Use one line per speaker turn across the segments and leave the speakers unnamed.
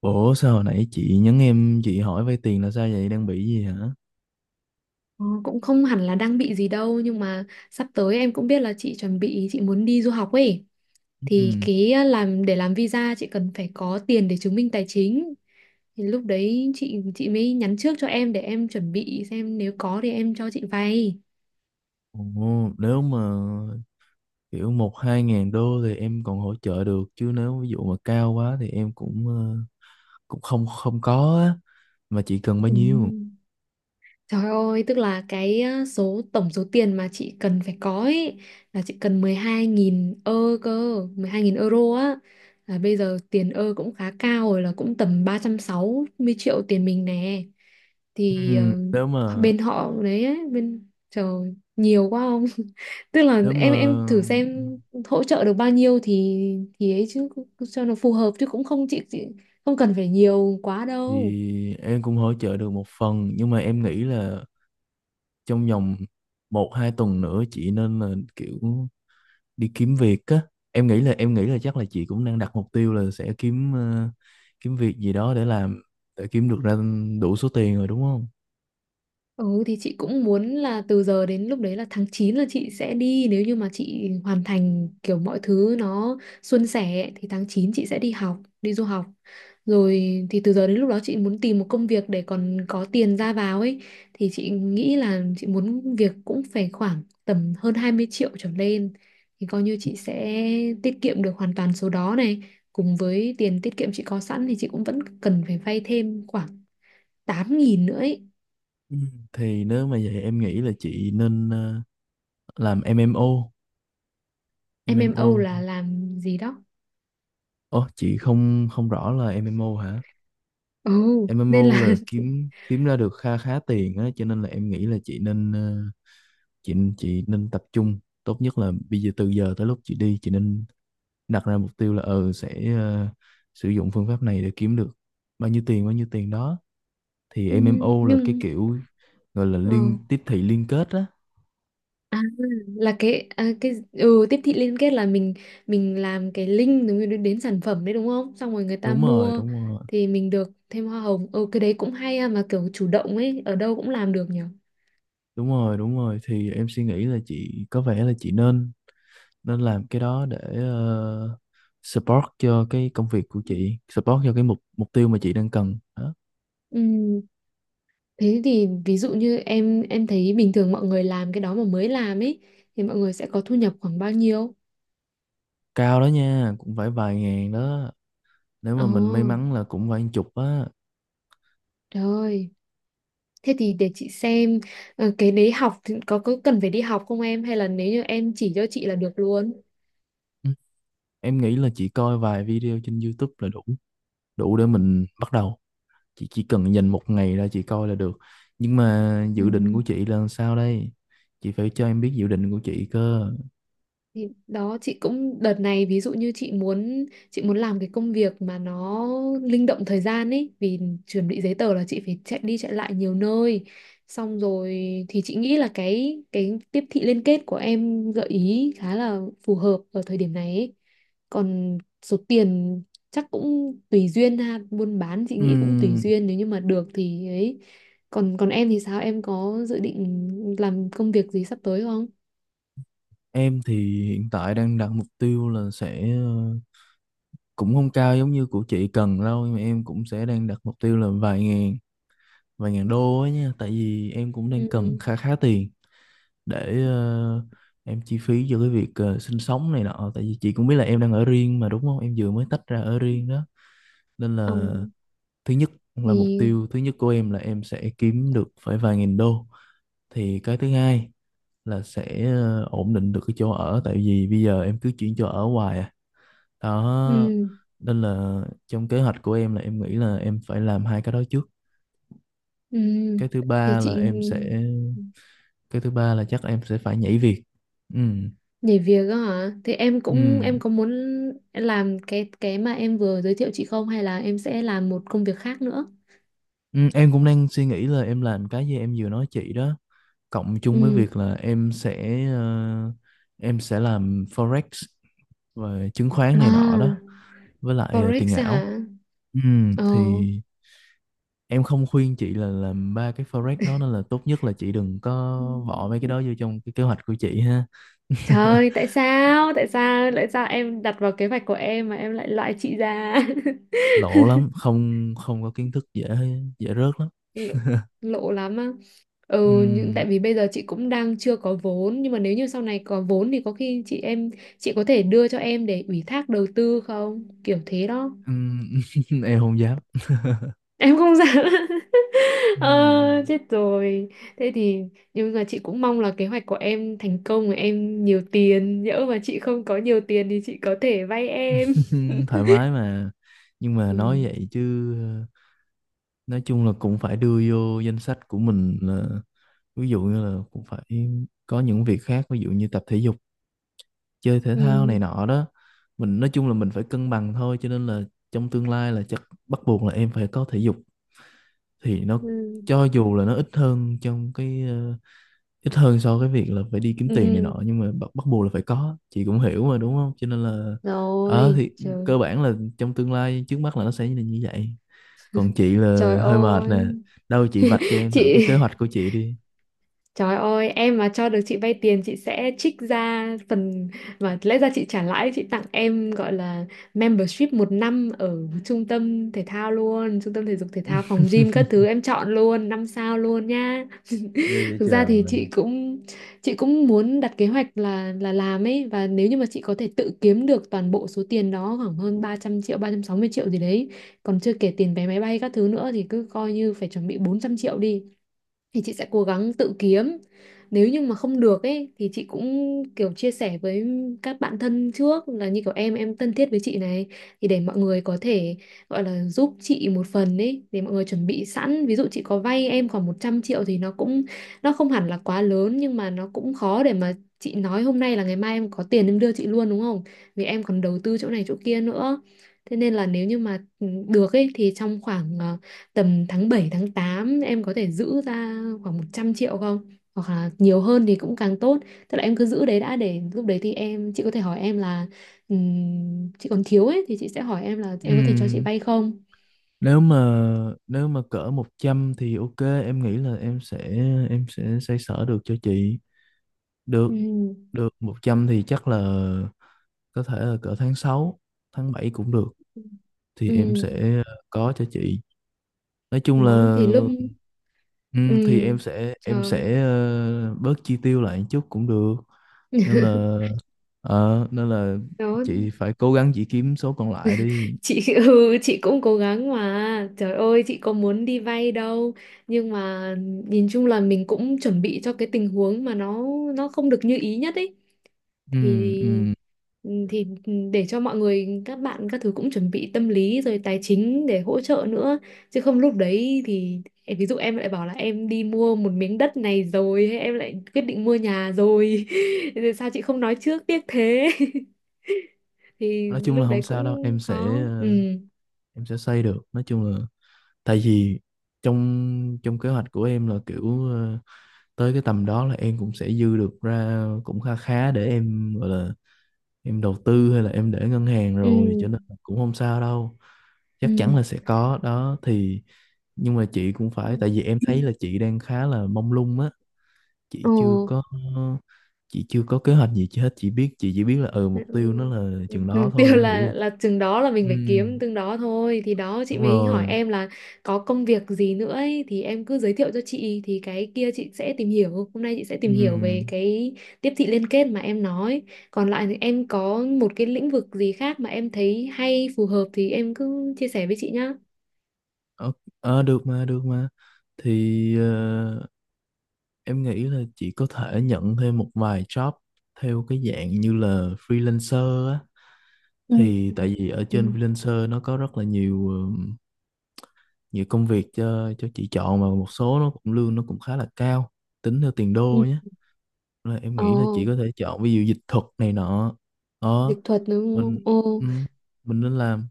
Ủa sao hồi nãy chị nhắn em, chị hỏi vay tiền là sao vậy, đang bị gì hả?
Ờ, Cũng không hẳn là đang bị gì đâu nhưng mà sắp tới em cũng biết là chị chuẩn bị chị muốn đi du học ấy, thì
Ừm,
cái làm để làm visa chị cần phải có tiền để chứng minh tài chính. Thì lúc đấy chị mới nhắn trước cho em để em chuẩn bị xem nếu có thì em cho chị vay.
Nếu mà kiểu một hai ngàn đô thì em còn hỗ trợ được, chứ nếu ví dụ mà cao quá thì em cũng cũng không không có á. Mà chị cần bao
Ừ.
nhiêu?
Trời ơi, tức là cái á, tổng số tiền mà chị cần phải có ấy là chị cần 12.000 cơ, 12.000 euro á. Là bây giờ tiền cũng khá cao rồi, là cũng tầm 360 triệu tiền mình nè. Thì
Ừm, Nếu mà
bên họ đấy ấy, bên trời nhiều quá không? Tức là
nếu mà
em thử xem hỗ trợ được bao nhiêu thì ấy chứ, cho nó phù hợp chứ cũng không, chị không cần phải nhiều quá đâu.
thì em cũng hỗ trợ được một phần, nhưng mà em nghĩ là trong vòng một hai tuần nữa chị nên là kiểu đi kiếm việc á. Em nghĩ là chắc là chị cũng đang đặt mục tiêu là sẽ kiếm kiếm việc gì đó để làm, để kiếm được ra đủ số tiền rồi đúng không?
Ừ thì chị cũng muốn là từ giờ đến lúc đấy là tháng 9, là chị sẽ đi nếu như mà chị hoàn thành kiểu mọi thứ nó suôn sẻ, thì tháng 9 chị sẽ đi học, đi du học. Rồi thì từ giờ đến lúc đó chị muốn tìm một công việc để còn có tiền ra vào ấy, thì chị nghĩ là chị muốn việc cũng phải khoảng tầm hơn 20 triệu trở lên, thì coi như chị sẽ tiết kiệm được hoàn toàn số đó này. Cùng với tiền tiết kiệm chị có sẵn thì chị cũng vẫn cần phải vay thêm khoảng 8.000 nữa ấy.
Ừ, thì nếu mà vậy em nghĩ là chị nên làm MMO.
Em MMO
MMO?
là làm gì đó?
Ồ, chị không không rõ là MMO hả?
Ồ, nên
MMO
là.
là kiếm kiếm ra được kha khá tiền á, cho nên là em nghĩ là chị nên chị nên tập trung. Tốt nhất là bây giờ, từ giờ tới lúc chị đi, chị nên đặt ra mục tiêu là ừ sẽ sử dụng phương pháp này để kiếm được bao nhiêu tiền đó. Thì MMO là cái
Nhưng
kiểu gọi là
ờ
liên tiếp thị liên kết á.
à, là cái à, cái ừ, tiếp thị liên kết là mình làm cái link đúng đến sản phẩm đấy đúng không, xong rồi người ta
Đúng rồi,
mua
đúng rồi,
thì mình được thêm hoa hồng. Ừ, cái đấy cũng hay ha, mà kiểu chủ động ấy, ở đâu cũng làm được nhỉ.
đúng rồi, đúng rồi, thì em suy nghĩ là chị có vẻ là chị nên nên làm cái đó để support cho cái công việc của chị, support cho cái mục mục tiêu mà chị đang cần đó.
Ừ, thế thì ví dụ như em thấy bình thường mọi người làm cái đó mà mới làm ấy, thì mọi người sẽ có thu nhập khoảng bao nhiêu?
Cao đó nha, cũng phải vài ngàn đó, nếu
Ồ,
mà mình may mắn là cũng vài chục á.
trời ơi. Thế thì để chị xem, cái đấy học thì có cần phải đi học không em, hay là nếu như em chỉ cho chị là được luôn.
Ừ, em nghĩ là chị coi vài video trên YouTube là đủ, đủ để mình bắt đầu. Chị chỉ cần dành một ngày ra chị coi là được. Nhưng mà
Ừ.
dự định của chị là sao đây, chị phải cho em biết dự định của chị cơ.
Thì đó, chị cũng đợt này, ví dụ như chị muốn, chị muốn làm cái công việc mà nó linh động thời gian ấy, vì chuẩn bị giấy tờ là chị phải chạy đi chạy lại nhiều nơi, xong rồi thì chị nghĩ là cái tiếp thị liên kết của em gợi ý khá là phù hợp ở thời điểm này ấy. Còn số tiền chắc cũng tùy duyên ha, buôn bán chị nghĩ cũng tùy
Ừm,
duyên, nếu như mà được thì ấy. Còn còn em thì sao, em có dự định làm công việc gì sắp tới không?
em thì hiện tại đang đặt mục tiêu là sẽ cũng không cao giống như của chị cần đâu, nhưng mà em cũng sẽ đang đặt mục tiêu là vài ngàn, vài ngàn đô ấy nha. Tại vì em cũng đang cần khá khá tiền để em chi phí cho cái việc sinh sống này nọ. Tại vì chị cũng biết là em đang ở riêng mà, đúng không, em vừa mới tách ra ở riêng đó, nên
Ừ.
là thứ nhất là mục
Thì
tiêu thứ nhất của em là em sẽ kiếm được phải vài nghìn đô. Thì cái thứ hai là sẽ ổn định được cái chỗ ở, tại vì bây giờ em cứ chuyển chỗ ở hoài à, đó,
ừ,
nên là trong kế hoạch của em là em nghĩ là em phải làm hai cái đó trước.
ừ,
cái thứ
thì
ba là
chị,
em sẽ cái thứ ba là chắc em sẽ phải nhảy việc. Ừ.
nhảy việc á hả? Thì em
Ừ,
cũng, em có muốn làm cái mà em vừa giới thiệu chị không, hay là em sẽ làm một công việc khác nữa?
Ừ, em cũng đang suy nghĩ là em làm cái gì em vừa nói chị đó, cộng chung với
Ừ.
việc là em sẽ em sẽ làm forex, về chứng khoán này nọ đó,
À,
với lại tiền
forex á hả?
ảo.
Ờ.
Thì em không khuyên chị là làm ba cái forex đó, nên là tốt nhất là chị đừng có
Ừ.
bỏ mấy cái đó vô trong cái kế hoạch của chị ha.
Trời ơi, tại sao? Tại sao? Tại sao em đặt vào kế hoạch của em mà em lại loại chị ra?
Lộ lắm, không không có kiến thức dễ, dễ rớt lắm.
Lộ, lộ lắm á. Ừ, nhưng
Ừm,
tại vì bây giờ chị cũng đang chưa có vốn, nhưng mà nếu như sau này có vốn thì có khi chị, em, chị có thể đưa cho em để ủy thác đầu tư không, kiểu thế đó.
ừm, em không dám.
Em không dám. ờ,
Ừm,
Chết rồi. Thế thì, nhưng mà chị cũng mong là kế hoạch của em thành công và em nhiều tiền, nhỡ mà chị không có nhiều tiền thì chị có thể vay em.
thoải mái mà. Nhưng mà nói
Ừ.
vậy chứ nói chung là cũng phải đưa vô danh sách của mình là ví dụ như là cũng phải có những việc khác, ví dụ như tập thể dục, chơi thể thao này
Ừ.
nọ đó. Mình nói chung là mình phải cân bằng thôi, cho nên là trong tương lai là chắc bắt buộc là em phải có thể dục. Thì nó
Ừ.
cho dù là nó ít hơn trong cái ít hơn so với việc là phải đi kiếm tiền này
Ừ.
nọ, nhưng mà bắt buộc là phải có, chị cũng hiểu mà đúng không, cho nên là ờ
Rồi,
thì
trời.
cơ bản là trong tương lai trước mắt là nó sẽ như là như vậy. Còn chị
Trời
là hơi mệt nè,
ơi.
đâu chị vạch cho em
Chị.
thử cái kế hoạch của chị đi.
Trời ơi, em mà cho được chị vay tiền, chị sẽ trích ra phần mà lẽ ra chị trả lãi, chị tặng em, gọi là membership một năm ở trung tâm thể thao luôn, trung tâm thể dục thể thao, phòng gym, các thứ em chọn luôn, 5 sao luôn nha.
Ghê vậy
Thực ra
trời.
thì chị cũng, chị cũng muốn đặt kế hoạch là làm ấy, và nếu như mà chị có thể tự kiếm được toàn bộ số tiền đó, khoảng hơn 300 triệu, 360 triệu gì đấy, còn chưa kể tiền vé máy bay các thứ nữa, thì cứ coi như phải chuẩn bị 400 triệu đi, thì chị sẽ cố gắng tự kiếm. Nếu như mà không được ấy thì chị cũng kiểu chia sẻ với các bạn thân trước, là như kiểu em thân thiết với chị này, thì để mọi người có thể, gọi là giúp chị một phần ấy, để mọi người chuẩn bị sẵn. Ví dụ chị có vay em khoảng 100 triệu thì nó cũng, nó không hẳn là quá lớn, nhưng mà nó cũng khó để mà chị nói hôm nay là ngày mai em có tiền em đưa chị luôn đúng không, vì em còn đầu tư chỗ này chỗ kia nữa. Thế nên là nếu như mà ừ, được ấy, thì trong khoảng tầm tháng 7, tháng 8, em có thể giữ ra khoảng 100 triệu không? Hoặc là nhiều hơn thì cũng càng tốt. Tức là em cứ giữ đấy đã, để lúc đấy thì em, chị có thể hỏi em là, chị còn thiếu ấy, thì chị sẽ hỏi em là em có thể cho chị
Ừ,
vay không?
nếu mà nếu mà cỡ 100 thì ok, em nghĩ là em sẽ xoay sở được cho chị. Được,
Ừ.
được 100 thì chắc là có thể là cỡ tháng sáu, tháng 7 cũng được, thì em
Ừ.
sẽ có cho chị. Nói chung là
Đó thì lúc,
ừ,
ừ.
thì em sẽ em
Trời.
sẽ bớt chi tiêu lại một chút cũng được, nên là ờ, nên là
Đó.
chị phải cố gắng chị kiếm số còn lại đi.
Chị. Ừ, chị cũng cố gắng mà. Trời ơi, chị có muốn đi vay đâu. Nhưng mà nhìn chung là mình cũng chuẩn bị cho cái tình huống mà nó không được như ý nhất ấy.
Ừ,
Thì
ừ.
ừ, thì ừ, để cho mọi người, các bạn, các thứ cũng chuẩn bị tâm lý rồi tài chính để hỗ trợ nữa, chứ không lúc đấy thì em- ví dụ em lại bảo là em đi mua một miếng đất này rồi, hay em lại quyết định mua nhà rồi. Rồi sao chị không nói trước, tiếc thế. Thì
Nói chung là
lúc
không
đấy
sao đâu,
cũng
em sẽ
khó. Ừ.
em sẽ xây được. Nói chung là tại vì trong trong kế hoạch của em là kiểu tới cái tầm đó là em cũng sẽ dư được ra cũng kha khá, để em gọi là em đầu tư hay là em để ngân hàng
Ừ.
rồi, cho nên là cũng không sao đâu,
Ừ.
chắc chắn là sẽ có đó. Thì nhưng mà chị cũng
Ừ.
phải, tại vì em thấy là chị đang khá là mông lung á, chị
Ồ.
chưa có, chị chưa có kế hoạch gì chi hết, chị biết chị chỉ biết là ừ
Ừ.
mục tiêu nó là chừng đó
Mục
thôi.
tiêu
Em nghĩ là
là chừng đó, là
ừ
mình phải kiếm từng đó thôi, thì đó chị
đúng
mới hỏi
rồi
em là có công việc gì nữa ấy, thì em cứ giới thiệu cho chị. Thì cái kia chị sẽ tìm hiểu, hôm nay chị sẽ tìm hiểu về
ừ.
cái tiếp thị liên kết mà em nói. Còn lại thì em có một cái lĩnh vực gì khác mà em thấy hay, phù hợp thì em cứ chia sẻ với chị nhá.
Ờ, ờ, được mà, được mà. Thì em nghĩ là chị có thể nhận thêm một vài job theo cái dạng như là freelancer á.
Ừ.
Thì tại vì ở
Ừ.
trên freelancer nó có rất là nhiều nhiều công việc cho chị chọn, mà một số nó cũng lương nó cũng khá là cao, tính theo tiền
Ừ.
đô nhé. Là em nghĩ là chị
Ồ,
có thể chọn ví dụ dịch thuật này nọ. Ờ,
dịch thuật đúng
mình
không? Ồ.
ừ, mình nên làm.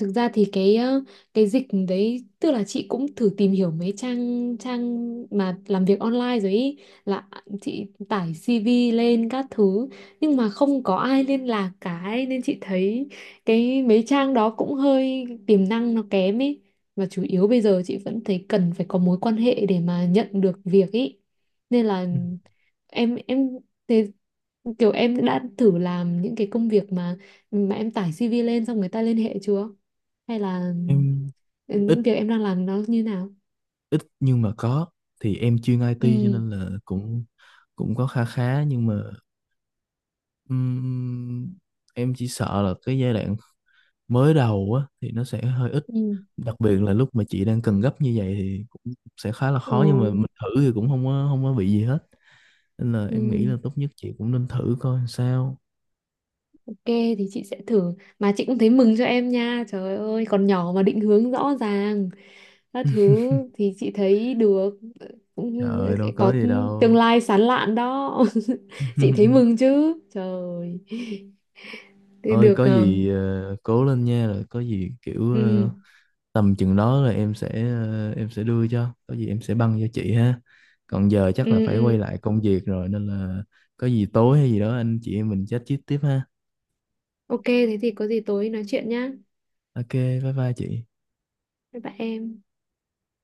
Thực ra thì cái cái dịch đấy, tức là chị cũng thử tìm hiểu mấy trang trang mà làm việc online rồi ý, là chị tải CV lên các thứ, nhưng mà không có ai liên lạc cả ấy, nên chị thấy cái mấy trang đó cũng hơi, tiềm năng nó kém ấy. Và chủ yếu bây giờ chị vẫn thấy cần phải có mối quan hệ để mà nhận được việc ý, nên là
Ừ.
em, thế kiểu em đã thử làm những cái công việc mà em tải CV lên xong người ta liên hệ chưa, hay là
Em
ừ, những việc em đang làm nó như nào?
ít nhưng mà có, thì em chuyên IT cho
Ừ.
nên là cũng cũng có kha khá, nhưng mà ừm, em chỉ sợ là cái giai đoạn mới đầu á thì nó sẽ hơi ít,
Ừ.
đặc biệt là lúc mà chị đang cần gấp như vậy thì cũng sẽ khá là
Ờ.
khó. Nhưng mà mình thử thì cũng không có bị gì hết, nên là em nghĩ là
Ừ.
tốt nhất chị cũng nên thử coi làm sao.
Ok, thì chị sẽ thử. Mà chị cũng thấy mừng cho em nha, trời ơi, còn nhỏ mà định hướng rõ ràng các thứ, thì chị thấy được,
Trời
cũng
ơi đâu có
có
gì
tương
đâu.
lai sáng lạn đó. Chị thấy mừng chứ trời. Thì
Ơi
được.
có
Ờ,
gì cố lên nha, rồi có gì kiểu
ừ,
tầm chừng đó là em sẽ em sẽ đưa cho, có gì em sẽ băng cho chị ha. Còn giờ chắc là
ừ,
phải
ừ.
quay lại công việc rồi, nên là có gì tối hay gì đó anh chị em mình chat chít tiếp ha.
Ok, thế thì có gì tối nói chuyện nhá.
Ok, bye bye chị.
Bye bye em.